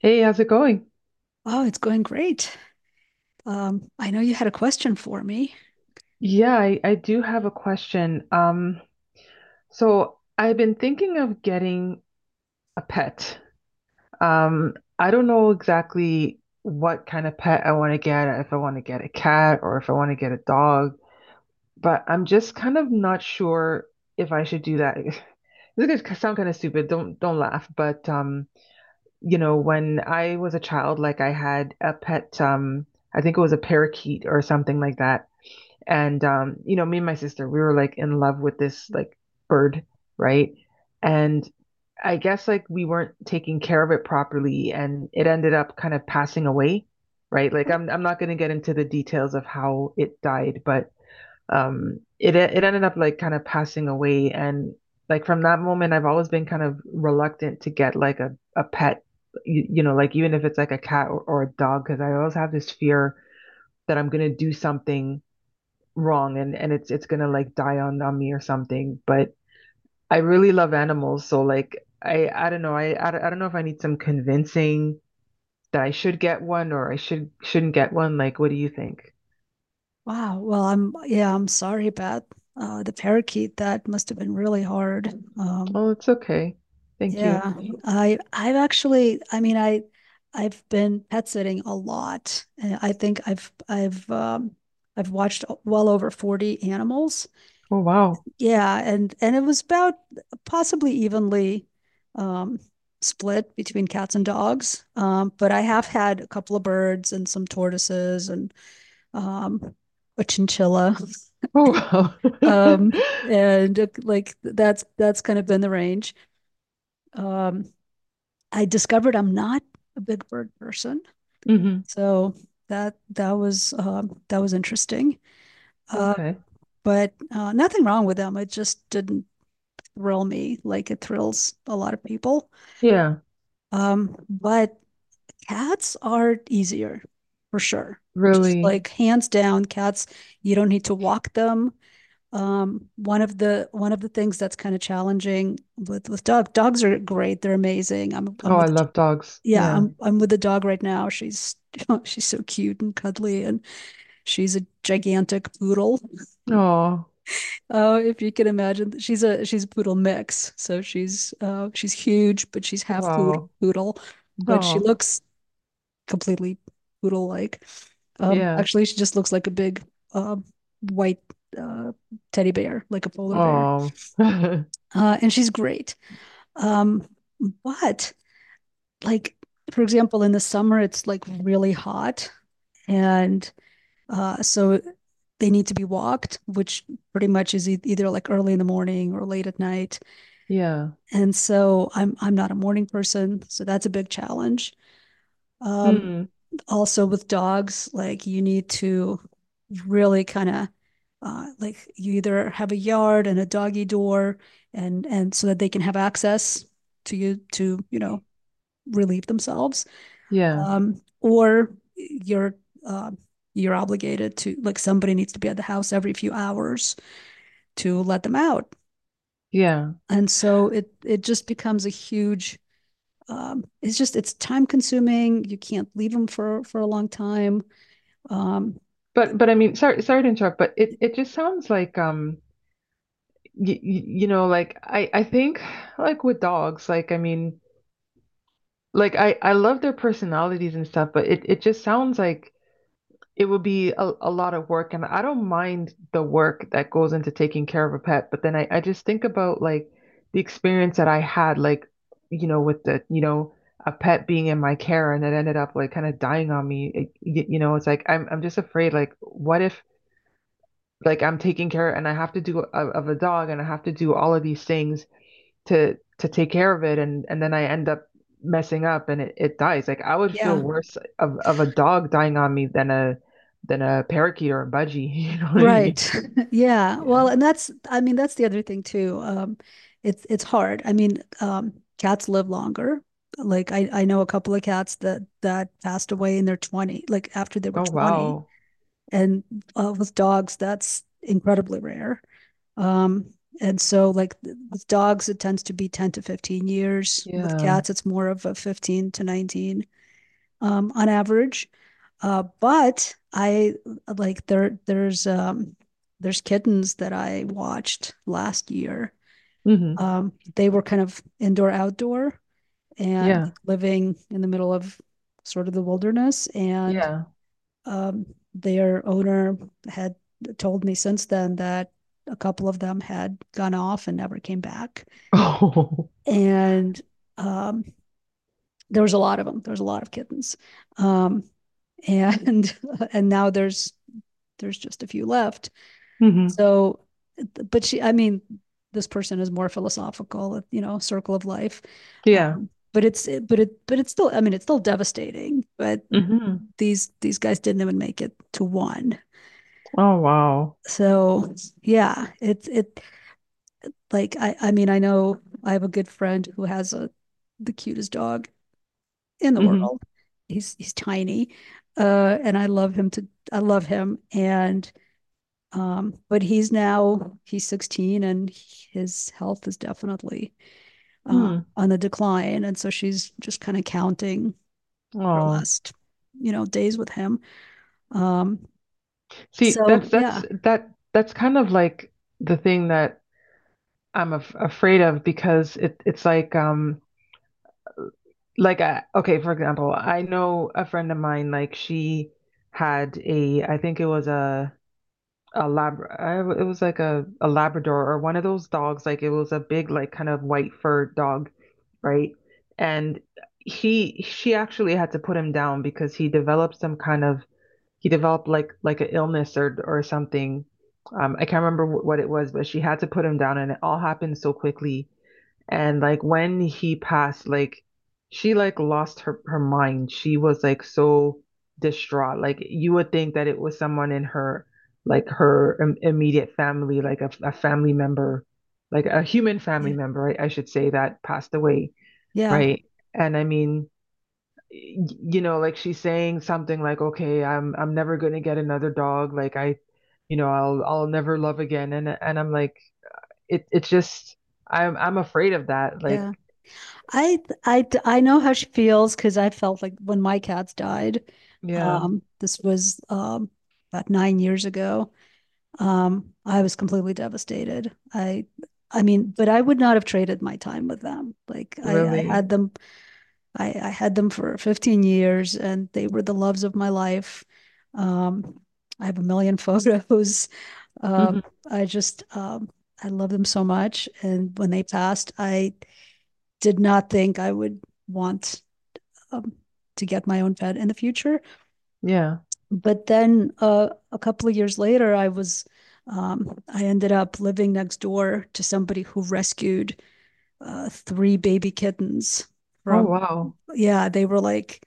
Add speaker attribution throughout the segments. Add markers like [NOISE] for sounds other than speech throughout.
Speaker 1: Hey, how's it going?
Speaker 2: Oh, it's going great. I know you had a question for me.
Speaker 1: Yeah, I do have a question. So I've been thinking of getting a pet. I don't know exactly what kind of pet I want to get, if I want to get a cat or if I want to get a dog, but I'm just kind of not sure if I should do that. [LAUGHS] This is gonna sound kind of stupid. Don't laugh, but when I was a child, like I had a pet, I think it was a parakeet or something like that. And me and my sister, we were like in love with this like bird, right? And I guess like we weren't taking care of it properly, and it ended up kind of passing away, right? Like I'm not going to get into the details of how it died, but it ended up like kind of passing away. And like from that moment I've always been kind of reluctant to get like a pet, like even if it's like a cat or a dog, because I always have this fear that I'm going to do something wrong, and it's gonna like die on me or something. But I really love animals, so like I don't know. I don't know if I need some convincing that I should get one or I shouldn't get one. Like, what do you think?
Speaker 2: Wow. Well, I'm sorry about the parakeet. That must have been really hard. Um,
Speaker 1: Oh, it's okay. Thank
Speaker 2: yeah,
Speaker 1: you.
Speaker 2: I've actually, I mean, I've been pet sitting a lot. And I think I've watched well over 40 animals.
Speaker 1: Oh, wow.
Speaker 2: Yeah, and it was about possibly evenly, um, split between cats and dogs. But I have
Speaker 1: Yeah.
Speaker 2: had a couple of birds and some tortoises and um, a chinchilla. [LAUGHS]
Speaker 1: Oh, wow.
Speaker 2: Um, and like that's kind of been the range. Um, I discovered I'm not a big bird person,
Speaker 1: [LAUGHS] Hmm.
Speaker 2: so that was that was interesting. Uh,
Speaker 1: Okay.
Speaker 2: but nothing wrong with them. It just didn't thrill me like it thrills a lot of people.
Speaker 1: Yeah.
Speaker 2: But cats are easier for sure. Just,
Speaker 1: Really?
Speaker 2: like hands down, cats, you don't need to walk them. One of the things that's kind of challenging with dogs are great. They're amazing. I'm
Speaker 1: Oh, I
Speaker 2: with
Speaker 1: love dogs,
Speaker 2: yeah,
Speaker 1: yeah.
Speaker 2: I'm with a dog right now. She's [LAUGHS] she's so cute and cuddly and she's a gigantic poodle.
Speaker 1: Oh,
Speaker 2: Oh, if you can imagine, she's a poodle mix. So she's huge, but she's
Speaker 1: wow.
Speaker 2: poodle, but she
Speaker 1: oh
Speaker 2: looks completely poodle like.
Speaker 1: yeah
Speaker 2: Actually, she just looks like a big uh, white uh, teddy bear, like a polar bear.
Speaker 1: oh. [LAUGHS]
Speaker 2: And she's great. Um, but, like, for example, in the summer, it's like really hot. And so they need to be walked, which pretty much is either like early in the morning or late at night.
Speaker 1: Yeah.
Speaker 2: And so I'm not a morning person, so that's a big challenge. Um,
Speaker 1: Hmm.
Speaker 2: also with dogs, like you need to really kind of like you either have a yard and a doggy door and so that they can have access to you know relieve themselves,
Speaker 1: Yeah.
Speaker 2: or you're uh, you're obligated to, like, somebody needs to be at the house every few hours to let them out,
Speaker 1: Yeah.
Speaker 2: and so it just becomes a huge, it's just it's time consuming, you can't leave them for a long time. Um,
Speaker 1: But I mean, sorry to interrupt, but it just sounds like like I think, like with dogs, like I mean, like I love their personalities and stuff, but it just sounds like it would be a lot of work. And I don't mind the work that goes into taking care of a pet, but then I just think about like the experience that I had, like with the a pet being in my care, and it ended up like kind of dying on me. It's like I'm just afraid, like, what if like I'm taking care, and I have to do of a dog, and I have to do all of these things to take care of it, and then I end up messing up, and it dies. Like, I would feel
Speaker 2: yeah,
Speaker 1: worse of a dog dying on me than a parakeet or a budgie. [LAUGHS] You know what I mean?
Speaker 2: right. [LAUGHS] Yeah.
Speaker 1: Yeah.
Speaker 2: Well, and that's, I mean, that's the other thing too. It's hard. I mean, cats live longer. Like I know a couple of cats that passed away in their 20, like after they were
Speaker 1: Oh,
Speaker 2: 20.
Speaker 1: wow.
Speaker 2: And with dogs, that's incredibly rare. Um, and so, like with dogs, it tends to be 10 to 15 years. With
Speaker 1: Yeah.
Speaker 2: cats, it's more of a 15 to 19, on average. But I like there there's kittens that I watched last year.
Speaker 1: Hmm.
Speaker 2: They were kind of indoor outdoor and
Speaker 1: Yeah.
Speaker 2: like living in the middle of sort of the wilderness and,
Speaker 1: Yeah.
Speaker 2: um, their owner had told me since then that a couple of them had gone off and never came back.
Speaker 1: Oh.
Speaker 2: And um, there was a lot of them. There was a lot of kittens. Um, [LAUGHS] and now there's just a few left.
Speaker 1: [LAUGHS] Hmm.
Speaker 2: So, but she, I mean, this person is more philosophical, you know, circle of life.
Speaker 1: Yeah.
Speaker 2: But it's still, I mean, it's still devastating. But
Speaker 1: Hmm.
Speaker 2: these guys didn't even make it to one.
Speaker 1: Oh, wow.
Speaker 2: So yeah, it's it like I mean, I know I have a good friend who has a the cutest dog in the
Speaker 1: Hmm.
Speaker 2: world. He's tiny, and I love him, and but he's 16, and his health is definitely,
Speaker 1: Hmm.
Speaker 2: on the decline, and so she's just kind of counting her
Speaker 1: Oh.
Speaker 2: last, you know, days with him. Um,
Speaker 1: See,
Speaker 2: so
Speaker 1: that's
Speaker 2: yeah,
Speaker 1: that's that that's kind of like the thing that I'm af afraid of, because it's like I, okay, for example, I know a friend of mine, like she had a, I think it was a lab. I, it was like a Labrador, or one of those dogs, like it was a big like kind of white fur dog, right? And he she actually had to put him down because he developed some kind of he developed like an illness or something. I can't remember what it was, but she had to put him down, and it all happened so quickly. And like when he passed, like she like lost her mind. She was like so distraught. Like, you would think that it was someone in her, like her im immediate family, like a family member, like a human family
Speaker 2: yeah,
Speaker 1: member, I should say, that passed away,
Speaker 2: yeah,
Speaker 1: right? And I mean, like she's saying something like, "Okay, I'm never gonna get another dog. Like I, I'll never love again." And I'm like, it's just. I'm afraid of that. Like.
Speaker 2: yeah. I I know how she feels, because I felt like when my cats died,
Speaker 1: Yeah,
Speaker 2: this was about 9 years ago. I was completely devastated. I mean, but I would not have traded my time with them.
Speaker 1: really.
Speaker 2: I had them for 15 years, and they were the loves of my life. Um, I have a million [LAUGHS] photos.
Speaker 1: Mhm.
Speaker 2: Um, I just I love them so much, and when they passed, I did not think I would want, um, to get my own pet in the future.
Speaker 1: Yeah.
Speaker 2: But then a couple of years later, I was, I ended up living next door to somebody who rescued three baby kittens
Speaker 1: Oh,
Speaker 2: from,
Speaker 1: wow.
Speaker 2: yeah, they were like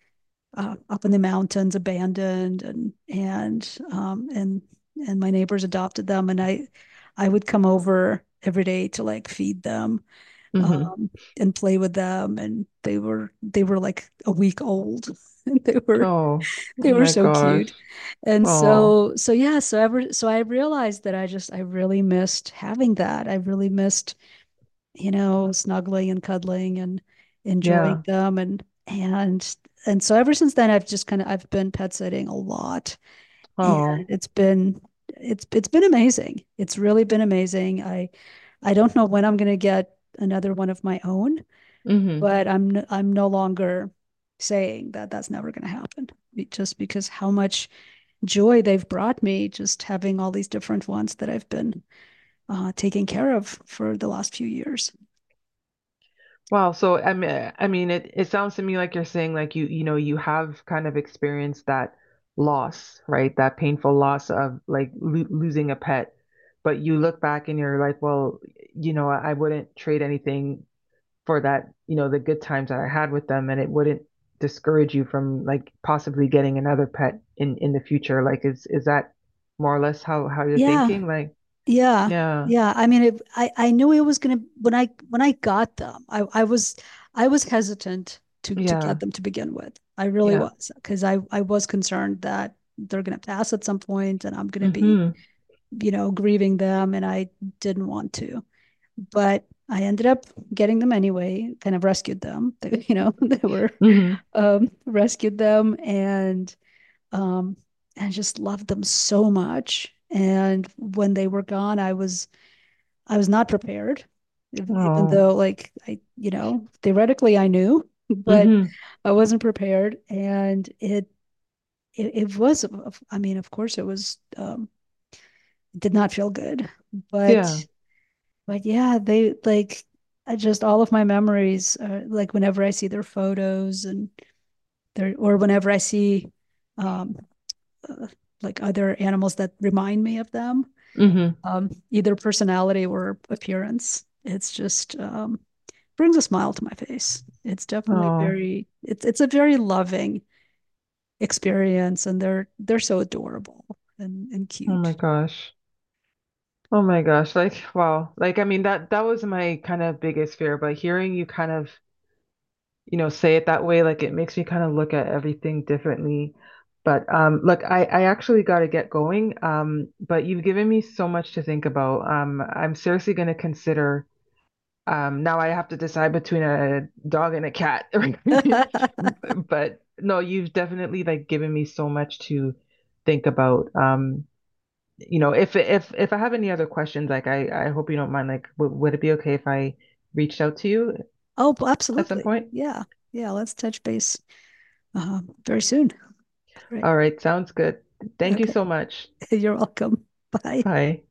Speaker 2: up in the mountains, abandoned, and and my neighbors adopted them, and I would come over every day to like feed them,
Speaker 1: Mhm.
Speaker 2: um, and play with them. And they were like a week old, [LAUGHS] and
Speaker 1: Oh, oh
Speaker 2: they were
Speaker 1: my
Speaker 2: so
Speaker 1: gosh.
Speaker 2: cute. And
Speaker 1: Oh,
Speaker 2: so yeah, so I realized that I really missed having that. I really missed, you know, snuggling and cuddling and enjoying
Speaker 1: yeah.
Speaker 2: them, and so ever since then I've just kind of I've been pet sitting a lot, and
Speaker 1: Oh.
Speaker 2: it's been it's been amazing. It's really been amazing. I don't know when I'm going to get another one of my own,
Speaker 1: Mhm.
Speaker 2: but I'm no longer saying that that's never going to happen, just because how much joy they've brought me, just having all these different ones that I've been, taking care of for the last few years.
Speaker 1: Wow. So I mean, it sounds to me like you're saying, like, you have kind of experienced that loss, right? That painful loss of like lo losing a pet, but you look back and you're like, well, I wouldn't trade anything for that, the good times that I had with them, and it wouldn't discourage you from like possibly getting another pet in the future. Like, is that more or less how you're
Speaker 2: Yeah.
Speaker 1: thinking? Like,
Speaker 2: Yeah.
Speaker 1: yeah,
Speaker 2: Yeah. I mean, I knew it was gonna when I got them, I was, I was hesitant to get
Speaker 1: yeah,
Speaker 2: them to begin with. I really
Speaker 1: yeah.
Speaker 2: was, because I was concerned that they're gonna pass at some point and I'm gonna be,
Speaker 1: Mm-hmm.
Speaker 2: you know, grieving them, and I didn't want to. But I ended up getting them anyway, kind of rescued them. [LAUGHS] They, you know, [LAUGHS] they were
Speaker 1: Mm-hmm.
Speaker 2: rescued them um and just loved them so much. And when they were gone, I was not prepared, even
Speaker 1: Oh.
Speaker 2: though, like, I, you know, theoretically I knew, [LAUGHS] but
Speaker 1: Mm-hmm.
Speaker 2: I wasn't prepared. And it was, I mean, of course it was, did not feel good, but,
Speaker 1: Yeah.
Speaker 2: but yeah, they like, I just, all of my memories are like whenever I see their photos and their, or whenever I see, um, uh, like other animals that remind me of them,
Speaker 1: Mm-hmm.
Speaker 2: either personality or appearance. It's just, brings a smile to my face. It's definitely
Speaker 1: Oh.
Speaker 2: very it's a very loving experience, and they're so adorable and
Speaker 1: Oh my
Speaker 2: cute.
Speaker 1: gosh. Oh my gosh. Like, wow. Like, I mean, that was my kind of biggest fear, but hearing you kind of say it that way, like it makes me kind of look at everything differently. But look, I actually got to get going. But you've given me so much to think about. I'm seriously going to consider. Now I have to decide between a dog and a cat.
Speaker 2: [LAUGHS]
Speaker 1: [LAUGHS]
Speaker 2: Oh,
Speaker 1: But no, you've definitely like given me so much to think about. If I have any other questions, like I hope you don't mind. Like, w would it be okay if I reached out to you
Speaker 2: well,
Speaker 1: at some
Speaker 2: absolutely,
Speaker 1: point?
Speaker 2: yeah, yeah. Let's touch base, very soon. All right,
Speaker 1: All right, sounds good. Thank you
Speaker 2: okay.
Speaker 1: so much.
Speaker 2: [LAUGHS] You're welcome. Bye.
Speaker 1: Bye.